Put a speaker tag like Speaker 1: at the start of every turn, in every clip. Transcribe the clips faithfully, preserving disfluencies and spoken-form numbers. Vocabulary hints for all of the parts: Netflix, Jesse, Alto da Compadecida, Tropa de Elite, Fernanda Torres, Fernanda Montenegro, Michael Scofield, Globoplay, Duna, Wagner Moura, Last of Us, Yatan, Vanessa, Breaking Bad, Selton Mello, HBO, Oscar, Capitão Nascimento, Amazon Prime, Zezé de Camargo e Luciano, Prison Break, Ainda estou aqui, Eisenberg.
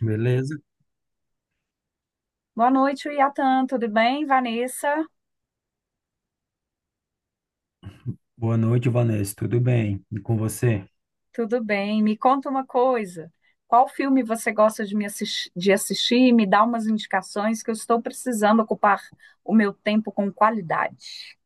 Speaker 1: Beleza?
Speaker 2: Boa noite, Yatan. Tudo bem, Vanessa?
Speaker 1: Boa noite, Vanessa. Tudo bem? E com você?
Speaker 2: Tudo bem. Me conta uma coisa. Qual filme você gosta de me assis- de assistir? Me dá umas indicações que eu estou precisando ocupar o meu tempo com qualidade.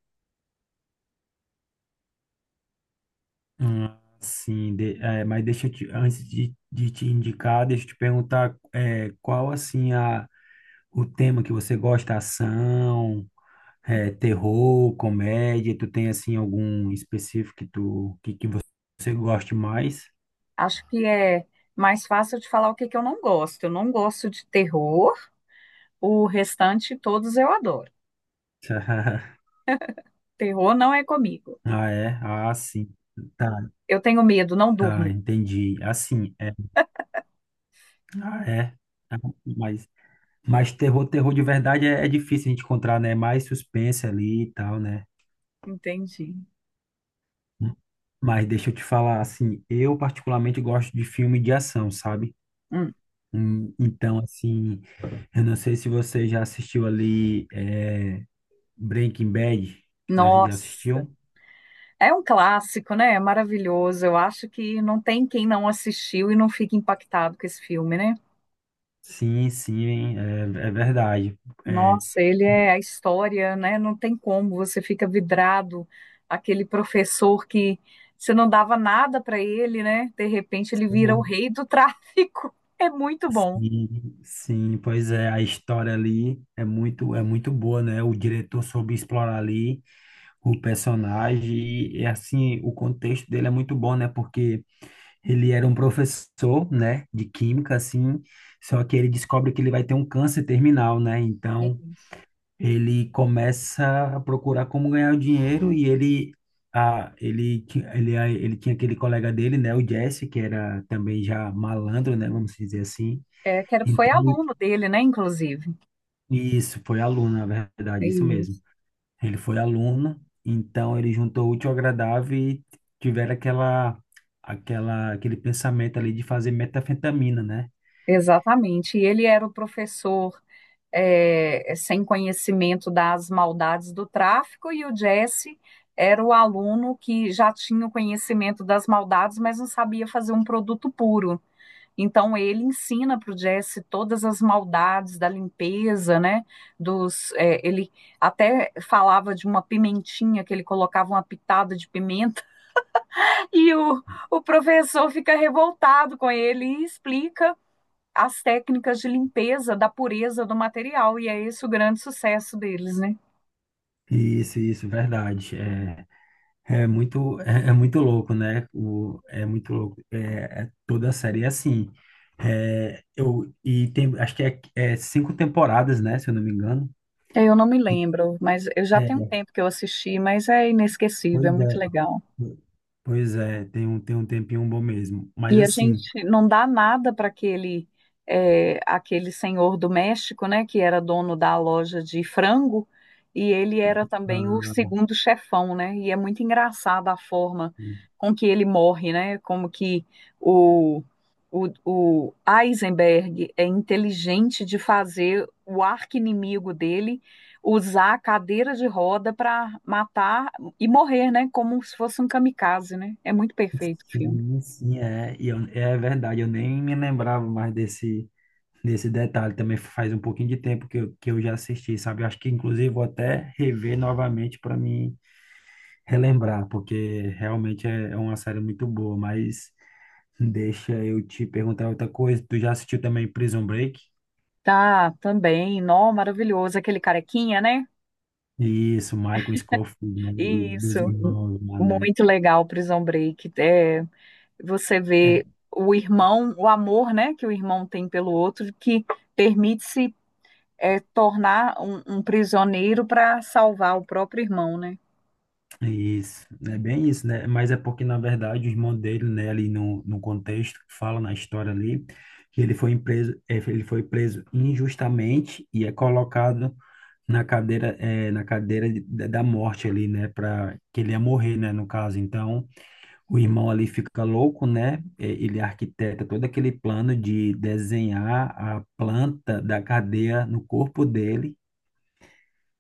Speaker 1: Hum, sim, de- é, mas deixa eu te, antes de, de te indicar, deixa eu te perguntar é, qual assim a, o tema que você gosta: ação, é, terror, comédia? Tu tem assim algum específico que tu que, que você goste mais?
Speaker 2: Acho que é mais fácil de falar o que que eu não gosto. Eu não gosto de terror. O restante, todos eu adoro. Terror não é comigo.
Speaker 1: Ah, é? Ah, sim. Tá,
Speaker 2: Eu tenho medo, não
Speaker 1: tá,
Speaker 2: durmo.
Speaker 1: entendi. Assim, é. Ah, é. Ah, Mas Mas terror, terror de verdade é, é difícil a gente encontrar, né? É mais suspense ali e tal, né?
Speaker 2: Entendi.
Speaker 1: Mas deixa eu te falar, assim, eu particularmente gosto de filme de ação, sabe?
Speaker 2: Hum.
Speaker 1: Hum, Então, assim, eu não sei se você já assistiu ali é, Breaking Bad. Já, já
Speaker 2: Nossa.
Speaker 1: assistiu?
Speaker 2: É um clássico, né? É maravilhoso. Eu acho que não tem quem não assistiu e não fique impactado com esse filme, né?
Speaker 1: Sim, sim, é, é verdade. É.
Speaker 2: Nossa, ele é a história, né? Não tem como, você fica vidrado. Aquele professor que você não dava nada para ele, né? De repente ele vira o
Speaker 1: Uhum.
Speaker 2: rei do tráfico. É muito bom.
Speaker 1: Sim, sim, pois é, a história ali é muito, é muito boa, né? O diretor soube explorar ali o personagem e e, assim o contexto dele é muito bom, né? Porque ele era um professor, né, de química. Assim, só que ele descobre que ele vai ter um câncer terminal, né? Então
Speaker 2: Isso.
Speaker 1: ele começa a procurar como ganhar o dinheiro, e ele a, ele ti- ele a- ele tinha aquele colega dele, né, o Jesse, que era também já malandro, né, vamos dizer assim.
Speaker 2: É, que era- foi
Speaker 1: Então
Speaker 2: aluno dele, né? Inclusive.
Speaker 1: isso foi aluno na verdade isso
Speaker 2: Isso.
Speaker 1: mesmo. Ele foi aluno, então ele juntou o útil ao agradável e tiveram aquela, aquela, aquele pensamento ali de fazer metanfetamina, né?
Speaker 2: Exatamente. E ele era o professor é, é, sem conhecimento das maldades do tráfico, e o Jesse era o aluno que já tinha o conhecimento das maldades, mas não sabia fazer um produto puro. Então ele ensina para o Jesse todas as maldades da limpeza, né? Dos, é, ele até falava de uma pimentinha que ele colocava uma pitada de pimenta e o, o professor fica revoltado com ele e explica as técnicas de limpeza da pureza do material, e é esse o grande sucesso deles, né?
Speaker 1: Isso, isso, verdade. É, é muito, é, é muito louco, né? O, é muito louco. É, é- toda a série é assim. É, eu, e tem, acho que é, é cinco temporadas, né? Se eu não me engano.
Speaker 2: Eu não me lembro, mas eu já
Speaker 1: É,
Speaker 2: tenho um tempo que eu assisti, mas é inesquecível, é
Speaker 1: pois
Speaker 2: muito
Speaker 1: é,
Speaker 2: legal.
Speaker 1: pois é, tem um, tem um tempinho bom mesmo. Mas
Speaker 2: E a
Speaker 1: assim.
Speaker 2: gente não dá nada para aquele eh, aquele senhor do México, né, que era dono da loja de frango, e ele era também o segundo chefão, né? E é muito engraçada a forma com que ele morre, né? Como que o, o, o Eisenberg é inteligente de fazer o arqui-inimigo dele usar a cadeira de roda para matar e morrer, né? Como se fosse um kamikaze, né? É muito perfeito o filme.
Speaker 1: Sim, sim, é. E eu- é verdade, eu nem me lembrava mais desse, desse detalhe. Também faz um pouquinho de tempo que eu, que eu já assisti, sabe? Acho que, inclusive, vou até rever novamente para me relembrar, porque realmente é, é uma série muito boa. Mas deixa eu te perguntar outra coisa. Tu já assistiu também Prison Break?
Speaker 2: Tá, também. Nó, maravilhoso. Aquele carequinha, né?
Speaker 1: Isso, Michael Scofield, né? O-
Speaker 2: Isso.
Speaker 1: dos irmãos lá, né?
Speaker 2: Muito legal, Prison Break. É, você
Speaker 1: É,
Speaker 2: vê o irmão, o amor, né, que o irmão tem pelo outro, que permite-se é, tornar um, um prisioneiro para salvar o próprio irmão, né?
Speaker 1: isso, é bem isso, né? Mas é porque, na verdade, o irmão dele, né, ali no, no contexto, fala na história ali, que ele foi preso, é ele foi preso injustamente e é colocado na cadeira, é na cadeira de- da da morte ali, né, para que ele ia morrer, né, no caso. Então, o irmão ali fica louco, né? Eh, Ele arquiteta todo aquele plano de desenhar a planta da cadeia no corpo dele,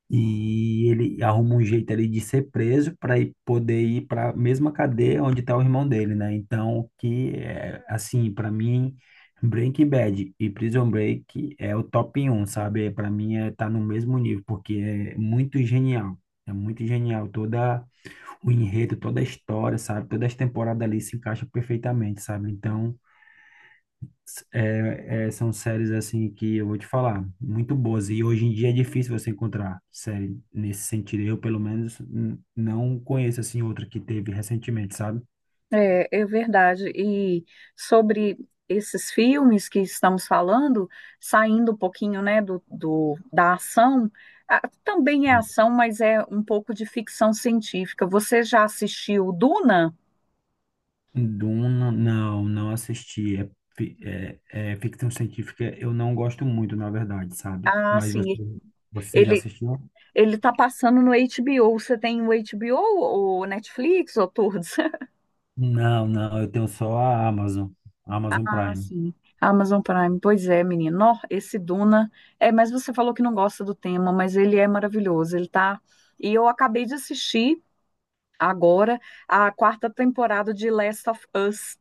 Speaker 1: e ele arruma um jeito ali de ser preso para poder ir para a mesma cadeia onde está o irmão dele, né? Então, que é assim, para mim, Breaking Bad e Prison Break é o top um, sabe? Para mim é tá no mesmo nível, porque é muito genial. É muito genial toda o enredo, toda a história, sabe? Todas as temporadas ali se encaixam perfeitamente, sabe? Então, é, é, são séries assim, que eu vou te falar, muito boas. E hoje em dia é difícil você encontrar série nesse sentido. Eu, pelo menos, n- não conheço assim outra que teve recentemente, sabe?
Speaker 2: É, é verdade. E sobre esses filmes que estamos falando, saindo um pouquinho, né, do, do- da ação, ah, também é ação, mas é um pouco de ficção científica. Você já assistiu Duna?
Speaker 1: Duna, não, não assisti. É, fi- é, é ficção científica, eu não gosto muito, na verdade, sabe?
Speaker 2: Ah,
Speaker 1: Mas
Speaker 2: sim.
Speaker 1: você, você já
Speaker 2: Ele
Speaker 1: assistiu?
Speaker 2: ele está passando no H B O. Você tem o H B O ou Netflix ou todos?
Speaker 1: Não, não, eu tenho só a Amazon, Amazon
Speaker 2: Ah,
Speaker 1: Prime.
Speaker 2: sim. Amazon Prime, pois é, menino. Nó, esse Duna. É, mas você falou que não gosta do tema, mas ele é maravilhoso. Ele tá. E eu acabei de assistir agora a quarta temporada de Last of Us.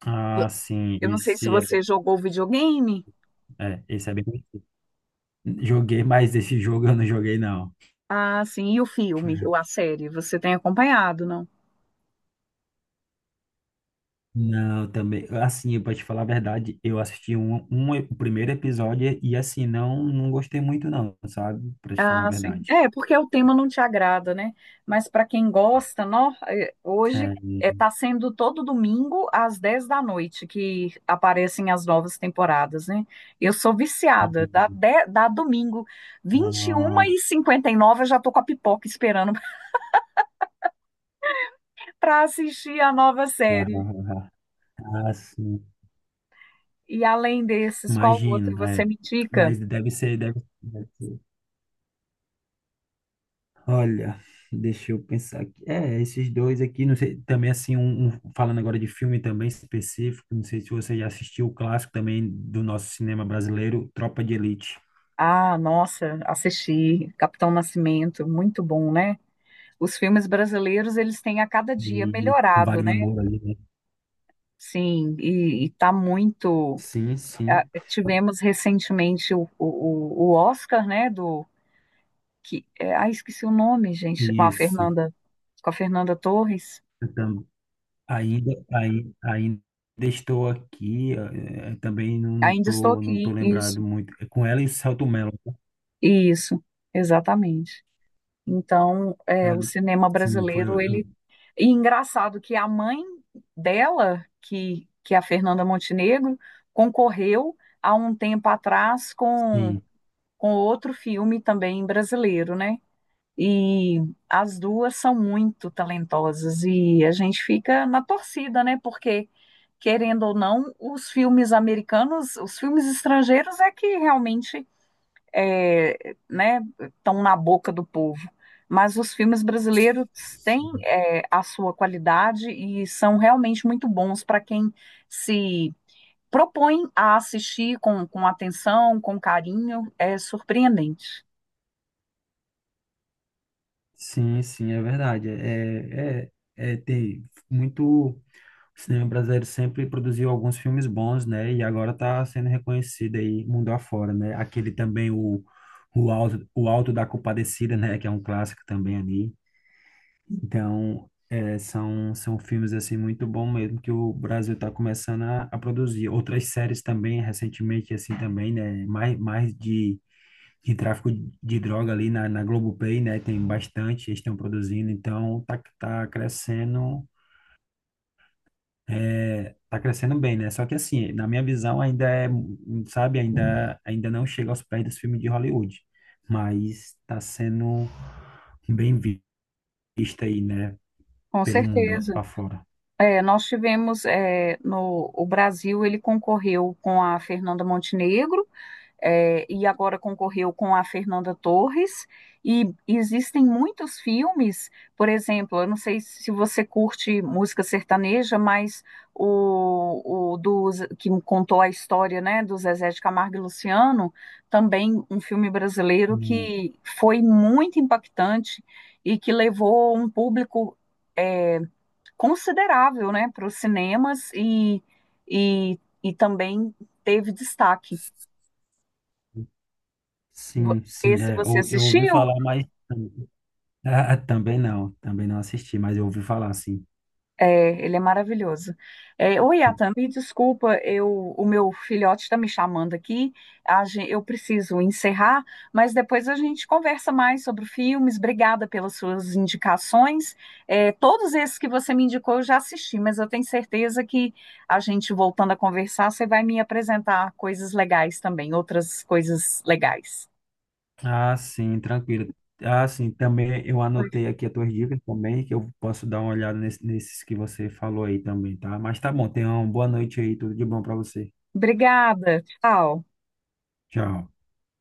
Speaker 1: Ah, sim,
Speaker 2: Eu não sei se
Speaker 1: esse é,
Speaker 2: você jogou o videogame.
Speaker 1: é, esse é bem conhecido. Joguei, mas esse jogo eu não joguei, não.
Speaker 2: Ah, sim. E o filme, ou a série, você tem acompanhado, não?
Speaker 1: Não, também, assim, pra te falar a verdade, eu assisti um, um, o primeiro episódio e, assim, não, não gostei muito não, sabe? Pra te falar a
Speaker 2: Ah, sim.
Speaker 1: verdade.
Speaker 2: É, porque o tema não te agrada, né? Mas para quem gosta, nó, é,
Speaker 1: É,
Speaker 2: hoje
Speaker 1: e-
Speaker 2: está sendo todo domingo às dez da noite que aparecem as novas temporadas, né? Eu sou viciada. Dá,
Speaker 1: e-
Speaker 2: de- dá domingo,
Speaker 1: nossa,
Speaker 2: vinte e uma e cinquenta e nove, eu já tô com a pipoca esperando para assistir a nova série.
Speaker 1: assim,
Speaker 2: E além desses, qual outro
Speaker 1: imagino,
Speaker 2: você
Speaker 1: é.
Speaker 2: me indica?
Speaker 1: Mas deve ser, deve, deve ser. Olha, deixa eu pensar aqui. É, esses dois aqui, não sei, também assim, um, um- falando agora de filme também específico, não sei se você já assistiu o clássico também do nosso cinema brasileiro, Tropa de Elite.
Speaker 2: Ah, nossa, assisti Capitão Nascimento, muito bom, né? Os filmes brasileiros, eles têm a cada dia
Speaker 1: E o
Speaker 2: melhorado, né?
Speaker 1: Wagner Moura ali, né?
Speaker 2: Sim, e, e tá muito.
Speaker 1: Sim,
Speaker 2: ah,
Speaker 1: sim.
Speaker 2: Tivemos recentemente o, o, o Oscar, né? Do que, é, ah, esqueci o nome, gente, com a
Speaker 1: Isso.
Speaker 2: Fernanda, com a Fernanda Torres.
Speaker 1: Eu tam- ainda, ai- ainda estou aqui. eh, eh, também não, não
Speaker 2: Ainda estou
Speaker 1: tô, não tô
Speaker 2: aqui,
Speaker 1: lembrado
Speaker 2: isso,
Speaker 1: muito. É com ela e o Selton Mello, tá?
Speaker 2: isso, exatamente. Então,
Speaker 1: É,
Speaker 2: é, o cinema
Speaker 1: sim, foi
Speaker 2: brasileiro,
Speaker 1: eu.
Speaker 2: ele.
Speaker 1: eu-
Speaker 2: E engraçado que a mãe dela, que, que é a Fernanda Montenegro, concorreu há um tempo atrás com
Speaker 1: sim.
Speaker 2: com outro filme também brasileiro, né? E as duas são muito talentosas e a gente fica na torcida, né? Porque, querendo ou não, os filmes americanos, os filmes estrangeiros é que realmente é, né, estão na boca do povo. Mas os filmes brasileiros têm
Speaker 1: Sim,
Speaker 2: é, a sua qualidade e são realmente muito bons para quem se propõe a assistir com, com atenção, com carinho. É surpreendente.
Speaker 1: sim, sim, é verdade. É, é, é, tem muito. O cinema brasileiro sempre produziu alguns filmes bons, né? E agora tá sendo reconhecido aí mundo afora, né? Aquele também, o, o Alto, o Alto da Compadecida, né? Que é um clássico também ali. Então, é, são, são filmes, assim, muito bom mesmo, que o Brasil tá começando a, a produzir. Outras séries também, recentemente, assim, também, né? Mais, mais de, de tráfico de droga ali na, na Globoplay, né? Tem bastante, eles estão produzindo. Então, tá, tá crescendo, é, tá crescendo bem, né? Só que assim, na minha visão ainda é, sabe, ainda, ainda não chega aos pés dos filmes de Hollywood, mas tá sendo bem vista aí, né,
Speaker 2: Com
Speaker 1: pelo mundo
Speaker 2: certeza.
Speaker 1: afora.
Speaker 2: É, nós tivemos é, no o Brasil ele concorreu com a Fernanda Montenegro é, e agora concorreu com a Fernanda Torres e existem muitos filmes, por exemplo, eu não sei se você curte música sertaneja, mas o, o do Z- que contou a história, né, do Zezé de Camargo e Luciano, também um filme brasileiro
Speaker 1: Hum,
Speaker 2: que foi muito impactante e que levou um público é, considerável, né, para os cinemas e, e, e também teve destaque. Vo-
Speaker 1: Sim, sim,
Speaker 2: Esse
Speaker 1: é,
Speaker 2: você
Speaker 1: eu, eu ouvi
Speaker 2: assistiu?
Speaker 1: falar, mas ah, também não, também não assisti, mas eu ouvi falar, sim.
Speaker 2: É, ele é maravilhoso. É, oi, Atan, me desculpa, eu, o meu filhote está me chamando aqui. A gen- eu preciso encerrar, mas depois a gente conversa mais sobre filmes. Obrigada pelas suas indicações. É, todos esses que você me indicou eu já assisti, mas eu tenho certeza que a gente voltando a conversar, você vai me apresentar coisas legais também, outras coisas legais.
Speaker 1: Ah, sim, tranquilo. Ah, sim, também eu anotei aqui as tuas dicas também, que eu posso dar uma olhada nesse- nesses que você falou aí também, tá? Mas tá bom, tenha uma boa noite aí, tudo de bom pra você.
Speaker 2: Obrigada, tchau.
Speaker 1: Tchau.